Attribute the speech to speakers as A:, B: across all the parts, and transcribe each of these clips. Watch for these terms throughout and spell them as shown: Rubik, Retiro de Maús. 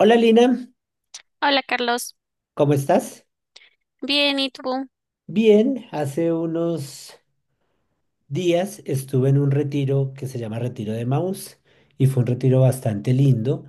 A: Hola Lina,
B: Hola Carlos,
A: ¿cómo estás?
B: bien, ¿y tú?
A: Bien, hace unos días estuve en un retiro que se llama Retiro de Maús y fue un retiro bastante lindo,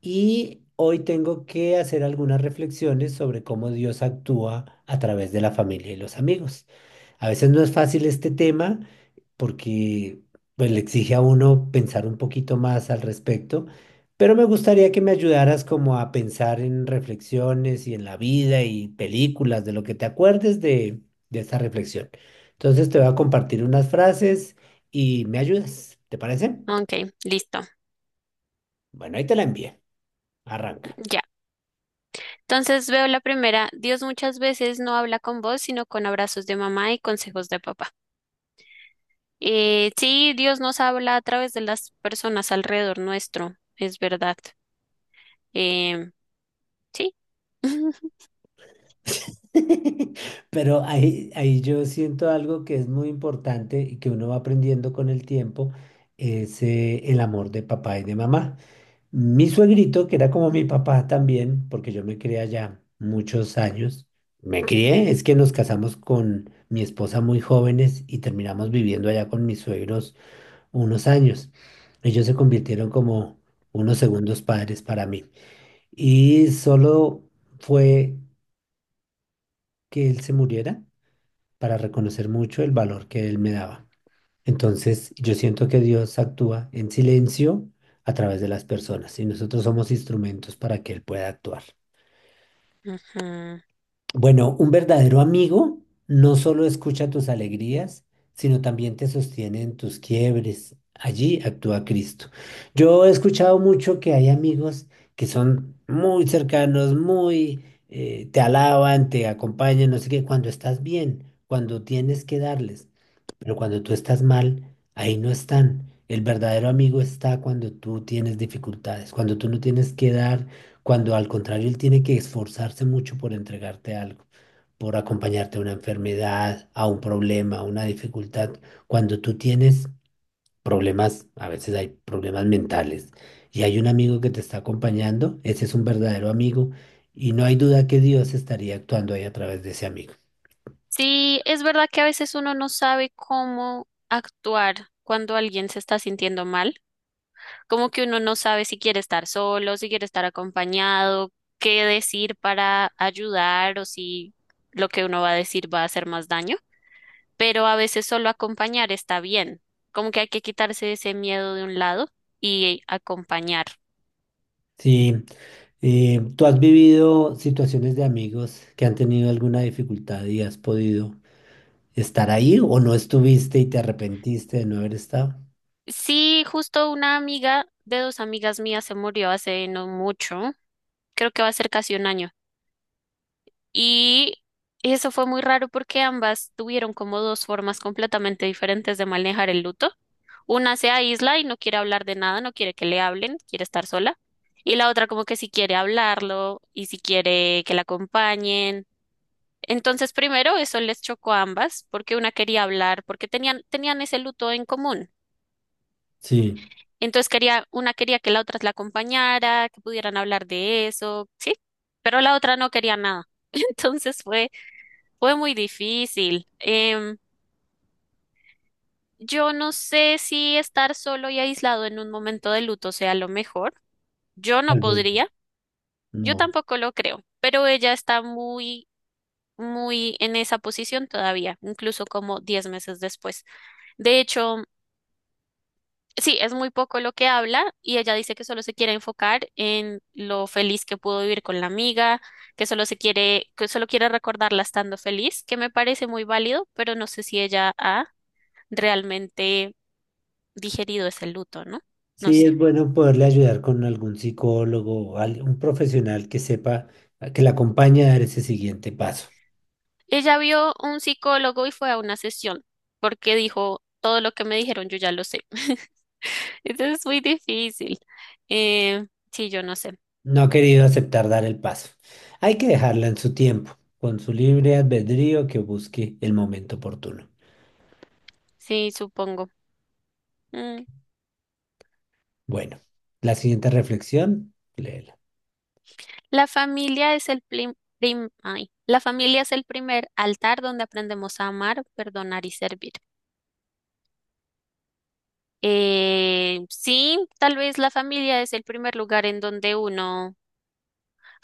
A: y hoy tengo que hacer algunas reflexiones sobre cómo Dios actúa a través de la familia y los amigos. A veces no es fácil este tema porque pues, le exige a uno pensar un poquito más al respecto, pero me gustaría que me ayudaras como a pensar en reflexiones y en la vida y películas, de lo que te acuerdes de esta reflexión. Entonces te voy a compartir unas frases y me ayudas, ¿te parece?
B: Ok, listo,
A: Bueno, ahí te la envié, arranca.
B: ya. Entonces veo la primera. Dios muchas veces no habla con voz, sino con abrazos de mamá y consejos de papá. Sí, Dios nos habla a través de las personas alrededor nuestro, es verdad. Em, sí.
A: Pero ahí yo siento algo que es muy importante y que uno va aprendiendo con el tiempo, es el amor de papá y de mamá. Mi suegrito, que era como mi papá también, porque yo me crié allá muchos años, me crié, es que nos casamos con mi esposa muy jóvenes y terminamos viviendo allá con mis suegros unos años. Ellos se convirtieron como unos segundos padres para mí. Y solo fue que él se muriera para reconocer mucho el valor que él me daba. Entonces, yo siento que Dios actúa en silencio a través de las personas y nosotros somos instrumentos para que él pueda actuar.
B: Ujú.
A: Bueno, un verdadero amigo no solo escucha tus alegrías, sino también te sostiene en tus quiebres. Allí actúa Cristo. Yo he escuchado mucho que hay amigos que son muy cercanos, muy te alaban, te acompañan, no sé qué, cuando estás bien, cuando tienes que darles. Pero cuando tú estás mal, ahí no están. El verdadero amigo está cuando tú tienes dificultades, cuando tú no tienes que dar, cuando al contrario él tiene que esforzarse mucho por entregarte algo, por acompañarte a una enfermedad, a un problema, a una dificultad. Cuando tú tienes problemas, a veces hay problemas mentales, y hay un amigo que te está acompañando, ese es un verdadero amigo, y no hay duda que Dios estaría actuando ahí a través de ese amigo.
B: Sí, es verdad que a veces uno no sabe cómo actuar cuando alguien se está sintiendo mal. Como que uno no sabe si quiere estar solo, si quiere estar acompañado, qué decir para ayudar o si lo que uno va a decir va a hacer más daño. Pero a veces solo acompañar está bien. Como que hay que quitarse ese miedo de un lado y acompañar.
A: Sí, ¿tú has vivido situaciones de amigos que han tenido alguna dificultad y has podido estar ahí o no estuviste y te arrepentiste de no haber estado?
B: Sí, justo una amiga de dos amigas mías se murió hace no mucho, creo que va a ser casi un año. Y eso fue muy raro porque ambas tuvieron como dos formas completamente diferentes de manejar el luto. Una se aísla y no quiere hablar de nada, no quiere que le hablen, quiere estar sola. Y la otra como que si quiere hablarlo y si quiere que la acompañen. Entonces, primero eso les chocó a ambas porque una quería hablar, porque tenían ese luto en común.
A: Sí,
B: Entonces quería, una quería que la otra la acompañara, que pudieran hablar de eso, sí, pero la otra no quería nada. Entonces fue muy difícil. Yo no sé si estar solo y aislado en un momento de luto sea lo mejor. Yo no
A: tal vez
B: podría, yo
A: no.
B: tampoco lo creo, pero ella está muy en esa posición todavía, incluso como 10 meses después. De hecho, sí, es muy poco lo que habla y ella dice que solo se quiere enfocar en lo feliz que pudo vivir con la amiga, que que solo quiere recordarla estando feliz, que me parece muy válido, pero no sé si ella ha realmente digerido ese luto, ¿no? No
A: Sí,
B: sé.
A: es bueno poderle ayudar con algún psicólogo o un profesional que sepa, que la acompañe a dar ese siguiente paso.
B: Ella vio un psicólogo y fue a una sesión porque dijo, todo lo que me dijeron yo ya lo sé. Entonces es muy difícil. Eh, sí, yo no sé.
A: No ha querido aceptar dar el paso. Hay que dejarla en su tiempo, con su libre albedrío que busque el momento oportuno.
B: Sí, supongo. Mm.
A: Bueno, la siguiente reflexión, léela.
B: La familia es el plim- prim- ay. La familia es el primer altar donde aprendemos a amar, perdonar y servir. Sí, tal vez la familia es el primer lugar en donde uno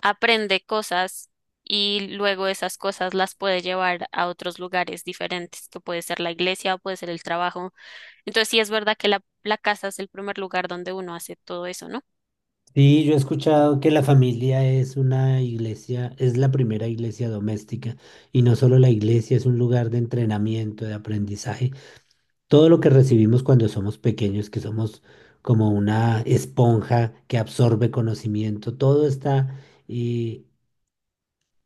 B: aprende cosas y luego esas cosas las puede llevar a otros lugares diferentes, que puede ser la iglesia o puede ser el trabajo. Entonces sí es verdad que la casa es el primer lugar donde uno hace todo eso, ¿no?
A: Sí, yo he escuchado que la familia es una iglesia, es la primera iglesia doméstica y no solo la iglesia, es un lugar de entrenamiento, de aprendizaje. Todo lo que recibimos cuando somos pequeños, que somos como una esponja que absorbe conocimiento, todo está eh,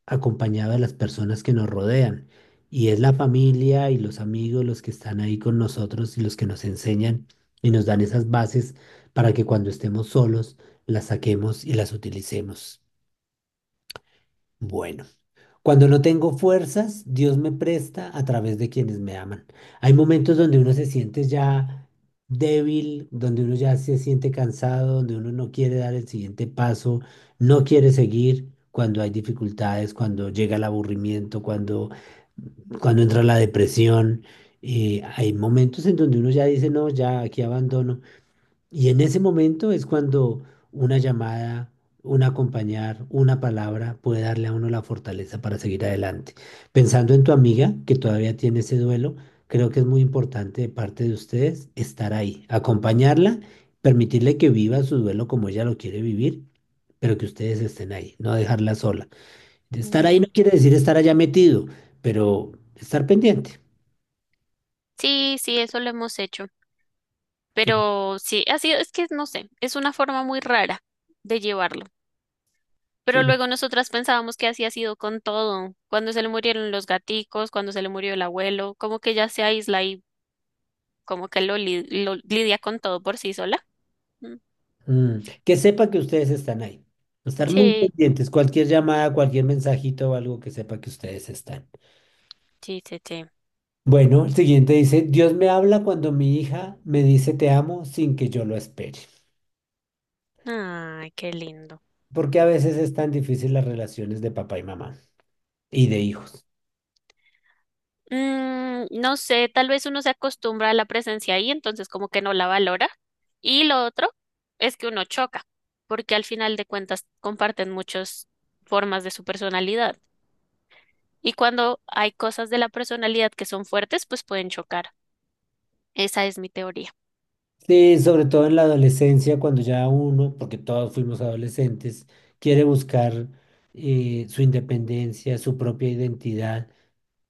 A: acompañado de las personas que nos rodean. Y es la familia y los amigos los que están ahí con nosotros y los que nos enseñan y nos dan esas bases para que cuando estemos solos las saquemos y las utilicemos. Bueno. Cuando no tengo fuerzas, Dios me presta a través de quienes me aman. Hay momentos donde uno se siente ya débil, donde uno ya se siente cansado, donde uno no quiere dar el siguiente paso, no quiere seguir cuando hay dificultades, cuando llega el aburrimiento, cuando entra la depresión. Hay momentos en donde uno ya dice, no, ya aquí abandono. Y en ese momento es cuando una llamada, un acompañar, una palabra puede darle a uno la fortaleza para seguir adelante. Pensando en tu amiga que todavía tiene ese duelo, creo que es muy importante de parte de ustedes estar ahí, acompañarla, permitirle que viva su duelo como ella lo quiere vivir, pero que ustedes estén ahí, no dejarla sola. Estar ahí no
B: Ujú.
A: quiere decir estar allá metido, pero estar pendiente.
B: Sí, sí, eso lo hemos hecho, pero sí, ha sido, es que no sé, es una forma muy rara de llevarlo. Pero
A: Sí,
B: luego nosotras pensábamos que así ha sido con todo, cuando se le murieron los gaticos, cuando se le murió el abuelo, como que ya se aísla y como que lo lidia con todo por sí sola.
A: mm, que sepa que ustedes están ahí. Estar muy
B: Sí,
A: pendientes, cualquier llamada, cualquier mensajito o algo que sepa que ustedes están.
B: sí, sí, sí.
A: Bueno, el siguiente dice, Dios me habla cuando mi hija me dice te amo sin que yo lo espere.
B: Ay, qué lindo.
A: Porque a veces
B: Mm.
A: es tan difícil las relaciones de papá y mamá y de hijos.
B: Mm, no sé, tal vez uno se acostumbra a la presencia ahí, entonces como que no la valora. Y lo otro es que uno choca, porque al final de cuentas comparten muchas formas de su personalidad. Y cuando hay cosas de la personalidad que son fuertes, pues pueden chocar. Esa es mi teoría.
A: Sí, sobre todo en la adolescencia, cuando ya uno, porque todos fuimos adolescentes, quiere buscar su independencia, su propia identidad.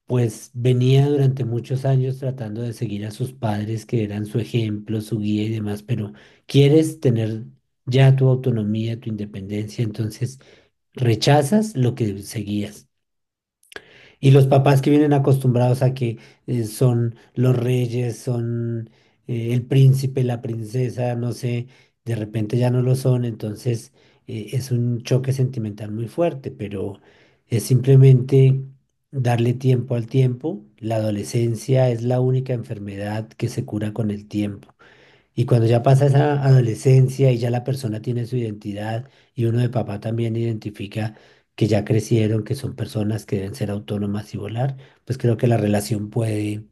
A: Pues venía durante muchos años tratando de seguir a sus padres, que eran su ejemplo, su guía y demás, pero quieres tener ya tu autonomía, tu independencia, entonces rechazas lo que seguías. Y los papás que vienen acostumbrados a que son los reyes, son el príncipe, la princesa, no sé, de repente ya no lo son, entonces es un choque sentimental muy fuerte, pero es simplemente darle tiempo al tiempo. La adolescencia es la única enfermedad que se cura con el tiempo. Y cuando ya pasa esa adolescencia y ya la persona tiene su identidad y uno de papá también identifica que ya crecieron, que son personas que deben ser autónomas y volar, pues creo que la relación puede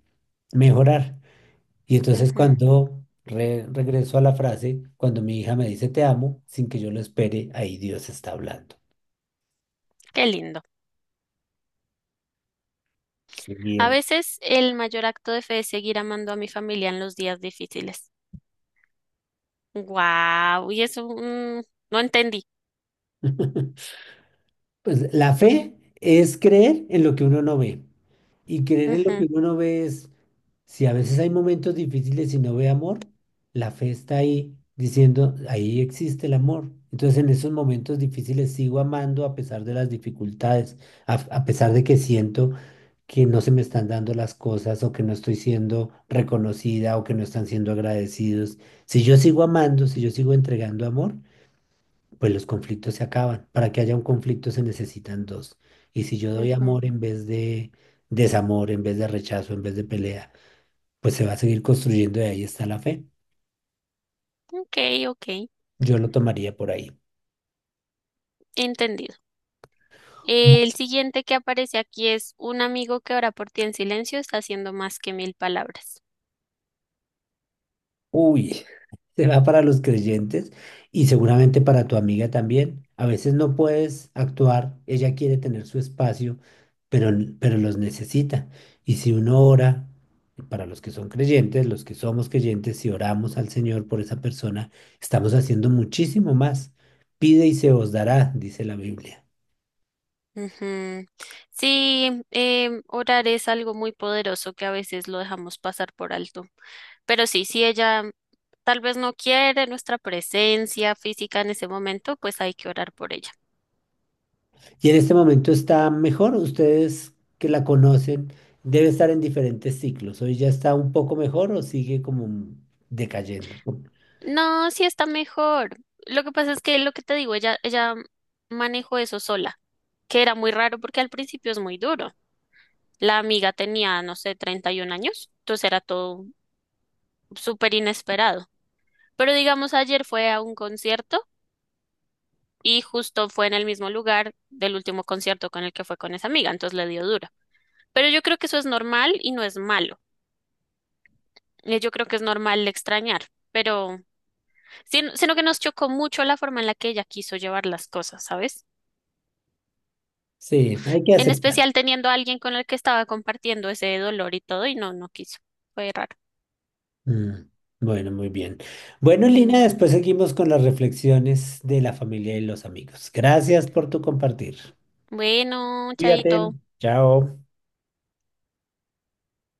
A: mejorar. Y entonces
B: Ujú,
A: cuando regreso a la frase, cuando mi hija me dice te amo, sin que yo lo espere, ahí Dios está hablando.
B: qué lindo. A
A: Siguiente.
B: veces el mayor acto de fe es seguir amando a mi familia en los días difíciles. Guau, y eso mm, no entendí.
A: Pues la fe es creer en lo que uno no ve. Y creer en lo que
B: Ujú,
A: uno no ve es, si a veces hay momentos difíciles y no ve amor, la fe está ahí diciendo, ahí existe el amor. Entonces en esos momentos difíciles sigo amando a pesar de las dificultades, a pesar de que siento que no se me están dando las cosas o que no estoy siendo reconocida o que no están siendo agradecidos. Si yo sigo amando, si yo sigo entregando amor, pues los conflictos se acaban. Para que haya un conflicto se necesitan dos. Y si yo doy
B: ujú.
A: amor en vez de desamor, en vez de rechazo, en vez de pelea, pues se va a seguir construyendo y ahí está la fe.
B: Ok, ok,
A: Yo lo tomaría por ahí.
B: entendido. El siguiente que aparece aquí es un amigo que ora por ti en silencio está haciendo más que mil palabras.
A: Uy, será para los creyentes y seguramente para tu amiga también. A veces no puedes actuar, ella quiere tener su espacio, pero, pero los necesita. Y si uno ora, para los que son creyentes, los que somos creyentes, si oramos al Señor por esa persona, estamos haciendo muchísimo más. Pide y se os dará, dice la Biblia.
B: Ujú. Sí, orar es algo muy poderoso que a veces lo dejamos pasar por alto. Pero sí, si ella tal vez no quiere nuestra presencia física en ese momento, pues hay que orar por ella.
A: Y en este momento está mejor, ustedes que la conocen, debe estar en diferentes ciclos. Hoy ya está un poco mejor o sigue como mm, decayendo.
B: No, sí está mejor. Lo que pasa es que lo que te digo, ella manejó eso sola, que era muy raro porque al principio es muy duro. La amiga tenía, no sé, 31 años, entonces era todo súper inesperado. Pero digamos, ayer fue a un concierto y justo fue en el mismo lugar del último concierto con el que fue con esa amiga, entonces le dio duro. Pero yo creo que eso es normal y no es malo. Yo creo que es normal extrañar, pero sino que nos chocó mucho la forma en la que ella quiso llevar las cosas, ¿sabes?
A: Sí, hay que
B: En
A: aceptar.
B: especial teniendo a alguien con el que estaba compartiendo ese dolor y todo, y no, no quiso. Fue raro.
A: Mm. Bueno, muy bien. Bueno,
B: Mm.
A: Lina, después seguimos con las reflexiones de la familia y los amigos. Gracias por tu compartir.
B: Bueno,
A: Cuídate.
B: chaito.
A: Chao.